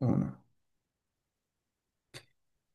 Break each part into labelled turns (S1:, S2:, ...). S1: Uno.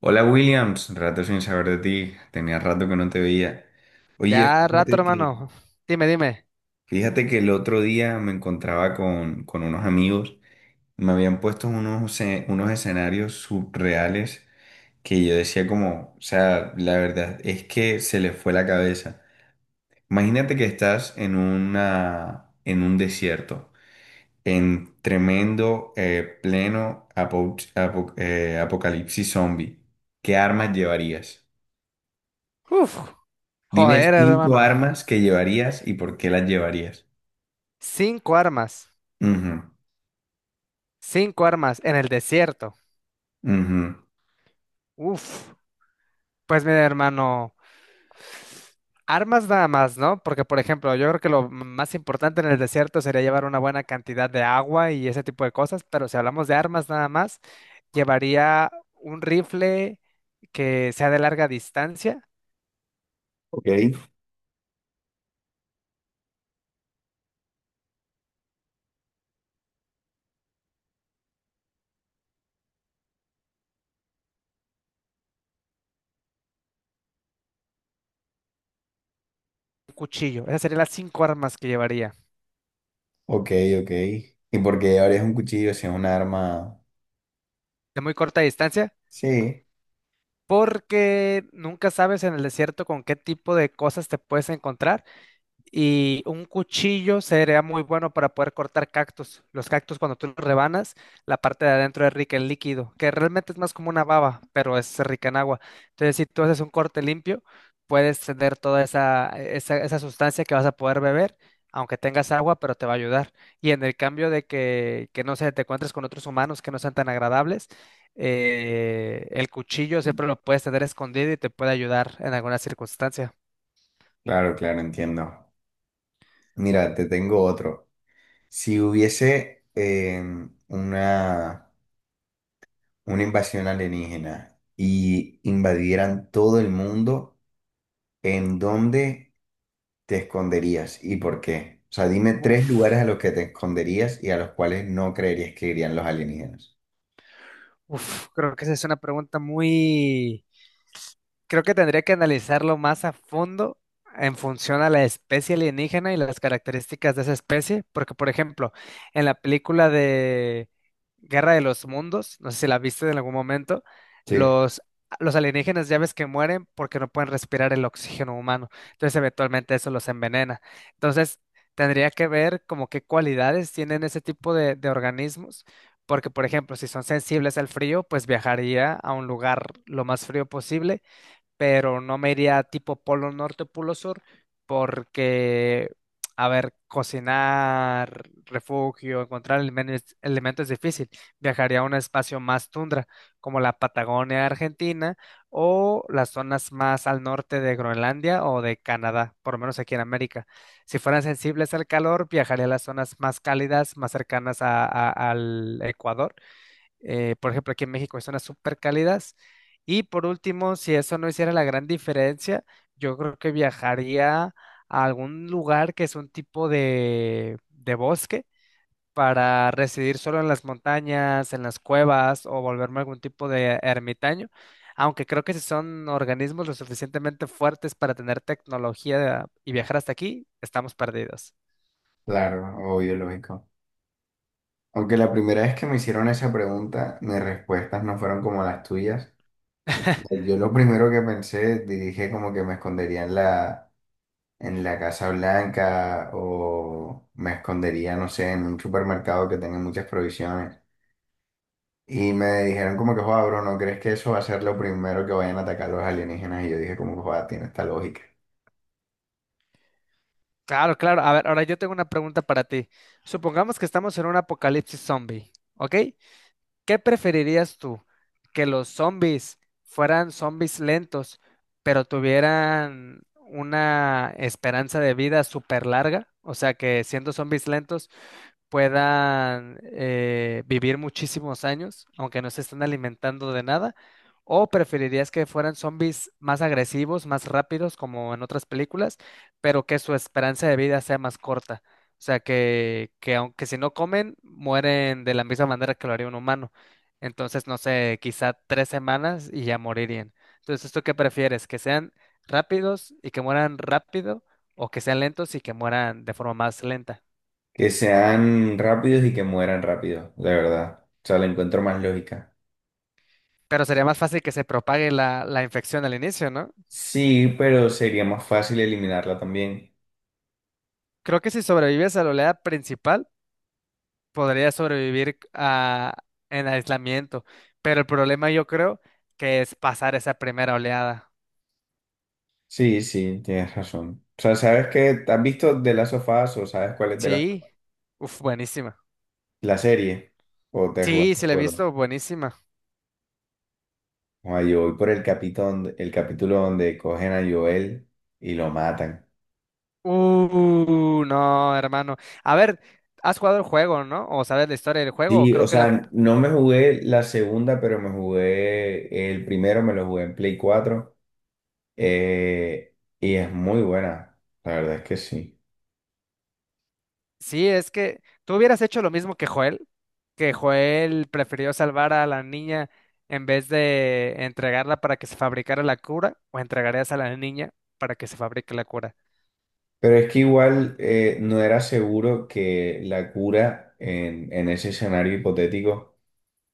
S1: Hola Williams, rato sin saber de ti, tenía rato que no te veía. Oye,
S2: Ya rato,
S1: fíjate que,
S2: hermano. Dime, dime.
S1: fíjate que el otro día me encontraba con unos amigos, me habían puesto unos escenarios surreales que yo decía como, o sea, la verdad es que se les fue la cabeza. Imagínate que estás en en un desierto, en tremendo, pleno apocalipsis zombie. ¿Qué armas llevarías?
S2: Uf,
S1: Dime
S2: joder,
S1: cinco
S2: hermano.
S1: armas que llevarías y por qué las llevarías.
S2: Cinco armas.
S1: Ujú,
S2: Cinco armas en el desierto.
S1: ujú.
S2: Uf. Pues mira, hermano. Armas nada más, ¿no? Porque, por ejemplo, yo creo que lo más importante en el desierto sería llevar una buena cantidad de agua y ese tipo de cosas, pero si hablamos de armas nada más, llevaría un rifle que sea de larga distancia,
S1: Ok,
S2: un cuchillo. Esas serían las cinco armas que llevaría.
S1: ok, ok. ¿Y por qué llevarías un cuchillo si es un arma?
S2: De muy corta distancia.
S1: Sí,
S2: Porque nunca sabes en el desierto con qué tipo de cosas te puedes encontrar. Y un cuchillo sería muy bueno para poder cortar cactus. Los cactus, cuando tú los rebanas, la parte de adentro es rica en líquido, que realmente es más como una baba, pero es rica en agua. Entonces, si tú haces un corte limpio, puedes tener toda esa sustancia que vas a poder beber, aunque tengas agua, pero te va a ayudar. Y en el cambio de que no sé, te encuentres con otros humanos que no sean tan agradables, el cuchillo siempre lo puedes tener escondido y te puede ayudar en alguna circunstancia.
S1: claro, claro, entiendo. Mira, te tengo otro. Si hubiese una, una invasión alienígena y invadieran todo el mundo, ¿en dónde te esconderías y por qué? O sea, dime 3 lugares
S2: Uf.
S1: a los que te esconderías y a los cuales no creerías que irían los alienígenas.
S2: Uf, creo que esa es una pregunta muy, creo que tendría que analizarlo más a fondo en función a la especie alienígena y las características de esa especie, porque por ejemplo, en la película de Guerra de los Mundos, no sé si la viste en algún momento,
S1: Sí,
S2: los, los alienígenas ya ves que mueren porque no pueden respirar el oxígeno humano, entonces eventualmente eso los envenena. Entonces, tendría que ver como qué cualidades tienen ese tipo de organismos. Porque, por ejemplo, si son sensibles al frío, pues viajaría a un lugar lo más frío posible, pero no me iría tipo polo norte, polo sur, porque, a ver, cocinar, refugio, encontrar elementos, elementos es difícil. Viajaría a un espacio más tundra, como la Patagonia Argentina o las zonas más al norte de Groenlandia o de Canadá, por lo menos aquí en América. Si fueran sensibles al calor, viajaría a las zonas más cálidas, más cercanas al Ecuador, por ejemplo, aquí en México hay zonas súper cálidas. Y por último, si eso no hiciera la gran diferencia, yo creo que viajaría a algún lugar que es un tipo de bosque para residir solo en las montañas, en las cuevas o volverme algún tipo de ermitaño. Aunque creo que si son organismos lo suficientemente fuertes para tener tecnología y viajar hasta aquí, estamos perdidos.
S1: claro, obvio, lógico. Aunque la primera vez que me hicieron esa pregunta, mis respuestas no fueron como las tuyas. Yo lo primero que pensé, dije como que me escondería en en la Casa Blanca o me escondería, no sé, en un supermercado que tenga muchas provisiones. Y me dijeron como que, joder, bro, ¿no crees que eso va a ser lo primero que vayan a atacar los alienígenas? Y yo dije como que, joder, tiene esta lógica.
S2: Claro, claro. A ver, ahora yo tengo una pregunta para ti. Supongamos que estamos en un apocalipsis zombie, ¿ok? ¿Qué preferirías tú? ¿Que los zombies fueran zombies lentos, pero tuvieran una esperanza de vida súper larga? O sea, que siendo zombies lentos puedan vivir muchísimos años, ¿aunque no se estén alimentando de nada? ¿O preferirías que fueran zombies más agresivos, más rápidos, como en otras películas, pero que su esperanza de vida sea más corta? O sea, que aunque si no comen, mueren de la misma manera que lo haría un humano. Entonces, no sé, quizá 3 semanas y ya morirían. Entonces, ¿tú qué prefieres? ¿Que sean rápidos y que mueran rápido o que sean lentos y que mueran de forma más lenta?
S1: Que sean rápidos y que mueran rápido, de verdad. O sea, le encuentro más lógica.
S2: Pero sería más fácil que se propague la infección al inicio, ¿no?
S1: Sí, pero sería más fácil eliminarla también.
S2: Creo que si sobrevives a la oleada principal, podrías sobrevivir a, en aislamiento. Pero el problema yo creo que es pasar esa primera oleada.
S1: Sí, sí, tienes razón. O sea, ¿sabes qué? ¿Has visto The Last of Us o sabes cuál es de
S2: Sí. Uf, buenísima.
S1: la serie? ¿O te
S2: Sí,
S1: jugaste el
S2: sí la he visto,
S1: juego?
S2: buenísima.
S1: O yo voy por el capítulo donde cogen a Joel y lo matan.
S2: No, hermano. A ver, ¿has jugado el juego, no? ¿O sabes la historia del juego? O
S1: Sí, o
S2: creo que la,
S1: sea, no me jugué la segunda, pero me jugué el primero, me lo jugué en Play 4 y es muy buena. La verdad es que sí.
S2: sí, es que tú hubieras hecho lo mismo que Joel prefirió salvar a la niña en vez de entregarla para que se fabricara la cura, o entregarías a la niña para que se fabrique la cura.
S1: Pero es que igual no era seguro que la cura en ese escenario hipotético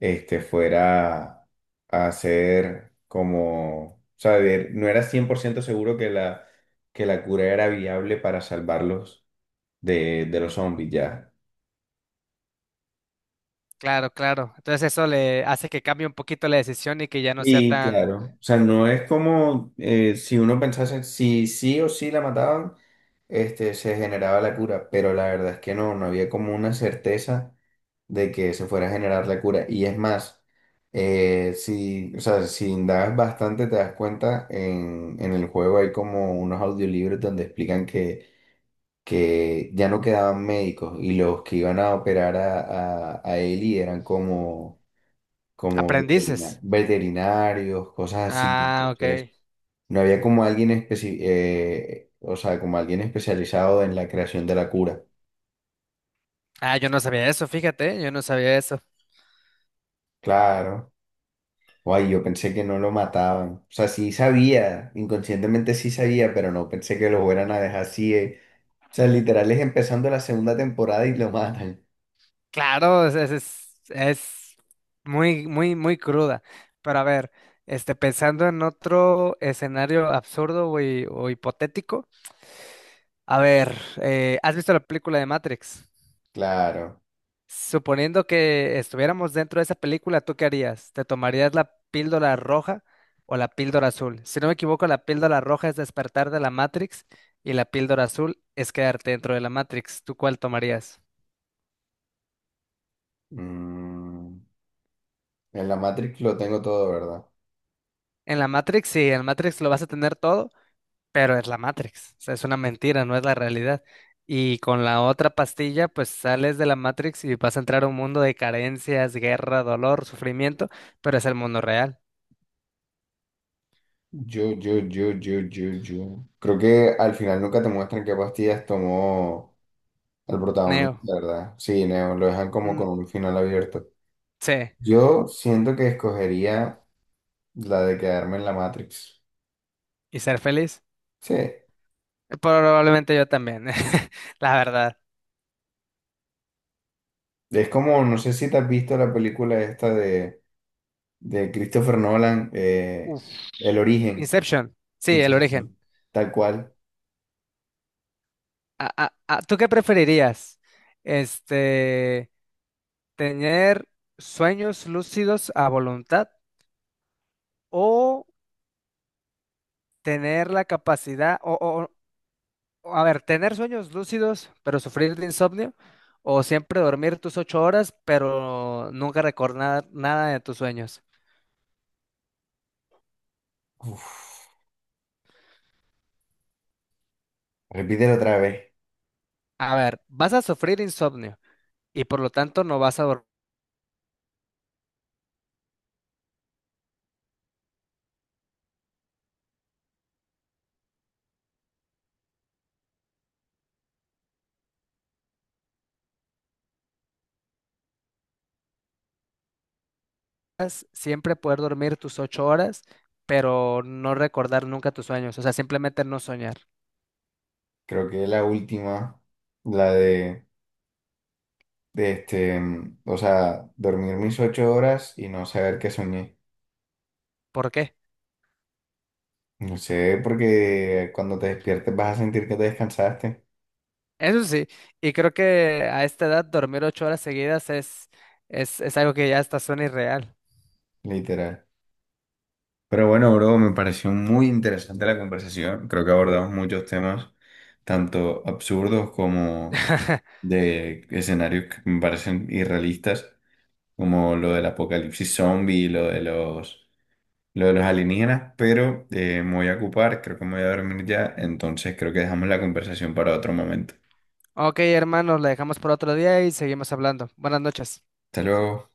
S1: este, fuera a ser como, o sea, no era 100% seguro que que la cura era viable para salvarlos de los zombies ya.
S2: Claro, claro. Entonces eso le hace que cambie un poquito la decisión y que ya no sea
S1: Y
S2: tan,
S1: claro, o sea, no es como si uno pensase si sí o sí la mataban, este, se generaba la cura, pero la verdad es que no, no había como una certeza de que se fuera a generar la cura. Y es más, si, o sea, si indagas bastante te das cuenta, en el juego hay como unos audiolibros donde explican que ya no quedaban médicos y los que iban a operar a Ellie eran como
S2: aprendices.
S1: veterinarios, cosas así.
S2: Ah, ok.
S1: Entonces, no había como alguien o sea, como alguien especializado en la creación de la cura.
S2: Ah, yo no sabía eso, fíjate, yo no sabía eso.
S1: Claro. Ay, yo pensé que no lo mataban. O sea, sí sabía, inconscientemente sí sabía, pero no pensé que lo fueran a dejar así. O sea, literal es empezando la segunda temporada y lo matan.
S2: Claro, es muy, muy, muy cruda. Pero a ver, este, pensando en otro escenario absurdo o hipotético, a ver, ¿has visto la película de Matrix?
S1: Claro.
S2: Suponiendo que estuviéramos dentro de esa película, ¿tú qué harías? ¿Te tomarías la píldora roja o la píldora azul? Si no me equivoco, la píldora roja es despertar de la Matrix y la píldora azul es quedarte dentro de la Matrix. ¿Tú cuál tomarías?
S1: Mm, en la Matrix lo tengo todo, ¿verdad?
S2: En la Matrix, sí, en la Matrix lo vas a tener todo, pero es la Matrix, o sea, es una mentira, no es la realidad. Y con la otra pastilla, pues sales de la Matrix y vas a entrar a un mundo de carencias, guerra, dolor, sufrimiento, pero es el mundo real.
S1: Yo. Creo que al final nunca te muestran qué pastillas tomó el
S2: Neo,
S1: protagonista, ¿verdad? Sí, Neo, lo dejan como
S2: mm,
S1: con un final abierto.
S2: sí,
S1: Yo siento que escogería la de quedarme en la Matrix.
S2: y ser feliz.
S1: Sí.
S2: Probablemente yo también, la verdad.
S1: Es como, no sé si te has visto la película esta de Christopher Nolan,
S2: Uf.
S1: El Origen,
S2: Inception, sí, el origen.
S1: Inception, tal cual.
S2: Ah, ah, ah, ¿tú qué preferirías? Este, tener sueños lúcidos a voluntad o tener la capacidad o, a ver, tener sueños lúcidos, pero sufrir de insomnio, o siempre dormir tus 8 horas, pero nunca recordar nada de tus sueños.
S1: Repítelo otra vez.
S2: A ver, vas a sufrir insomnio y por lo tanto no vas a dormir, siempre poder dormir tus 8 horas, pero no recordar nunca tus sueños, o sea, simplemente no soñar.
S1: Creo que es la última, la de este, o sea, dormir mis 8 horas y no saber que soñé.
S2: ¿Por qué?
S1: No sé, porque cuando te despiertes vas a sentir que te descansaste,
S2: Eso sí, y creo que a esta edad dormir 8 horas seguidas es algo que ya hasta suena irreal.
S1: literal. Pero bueno, bro, me pareció muy interesante la conversación. Creo que abordamos muchos temas, tanto absurdos como de escenarios que me parecen irrealistas, como lo del apocalipsis zombie, lo de los alienígenas. Pero me voy a ocupar, creo que me voy a dormir ya, entonces creo que dejamos la conversación para otro momento.
S2: Ok, hermanos, la dejamos por otro día y seguimos hablando. Buenas noches.
S1: Hasta luego.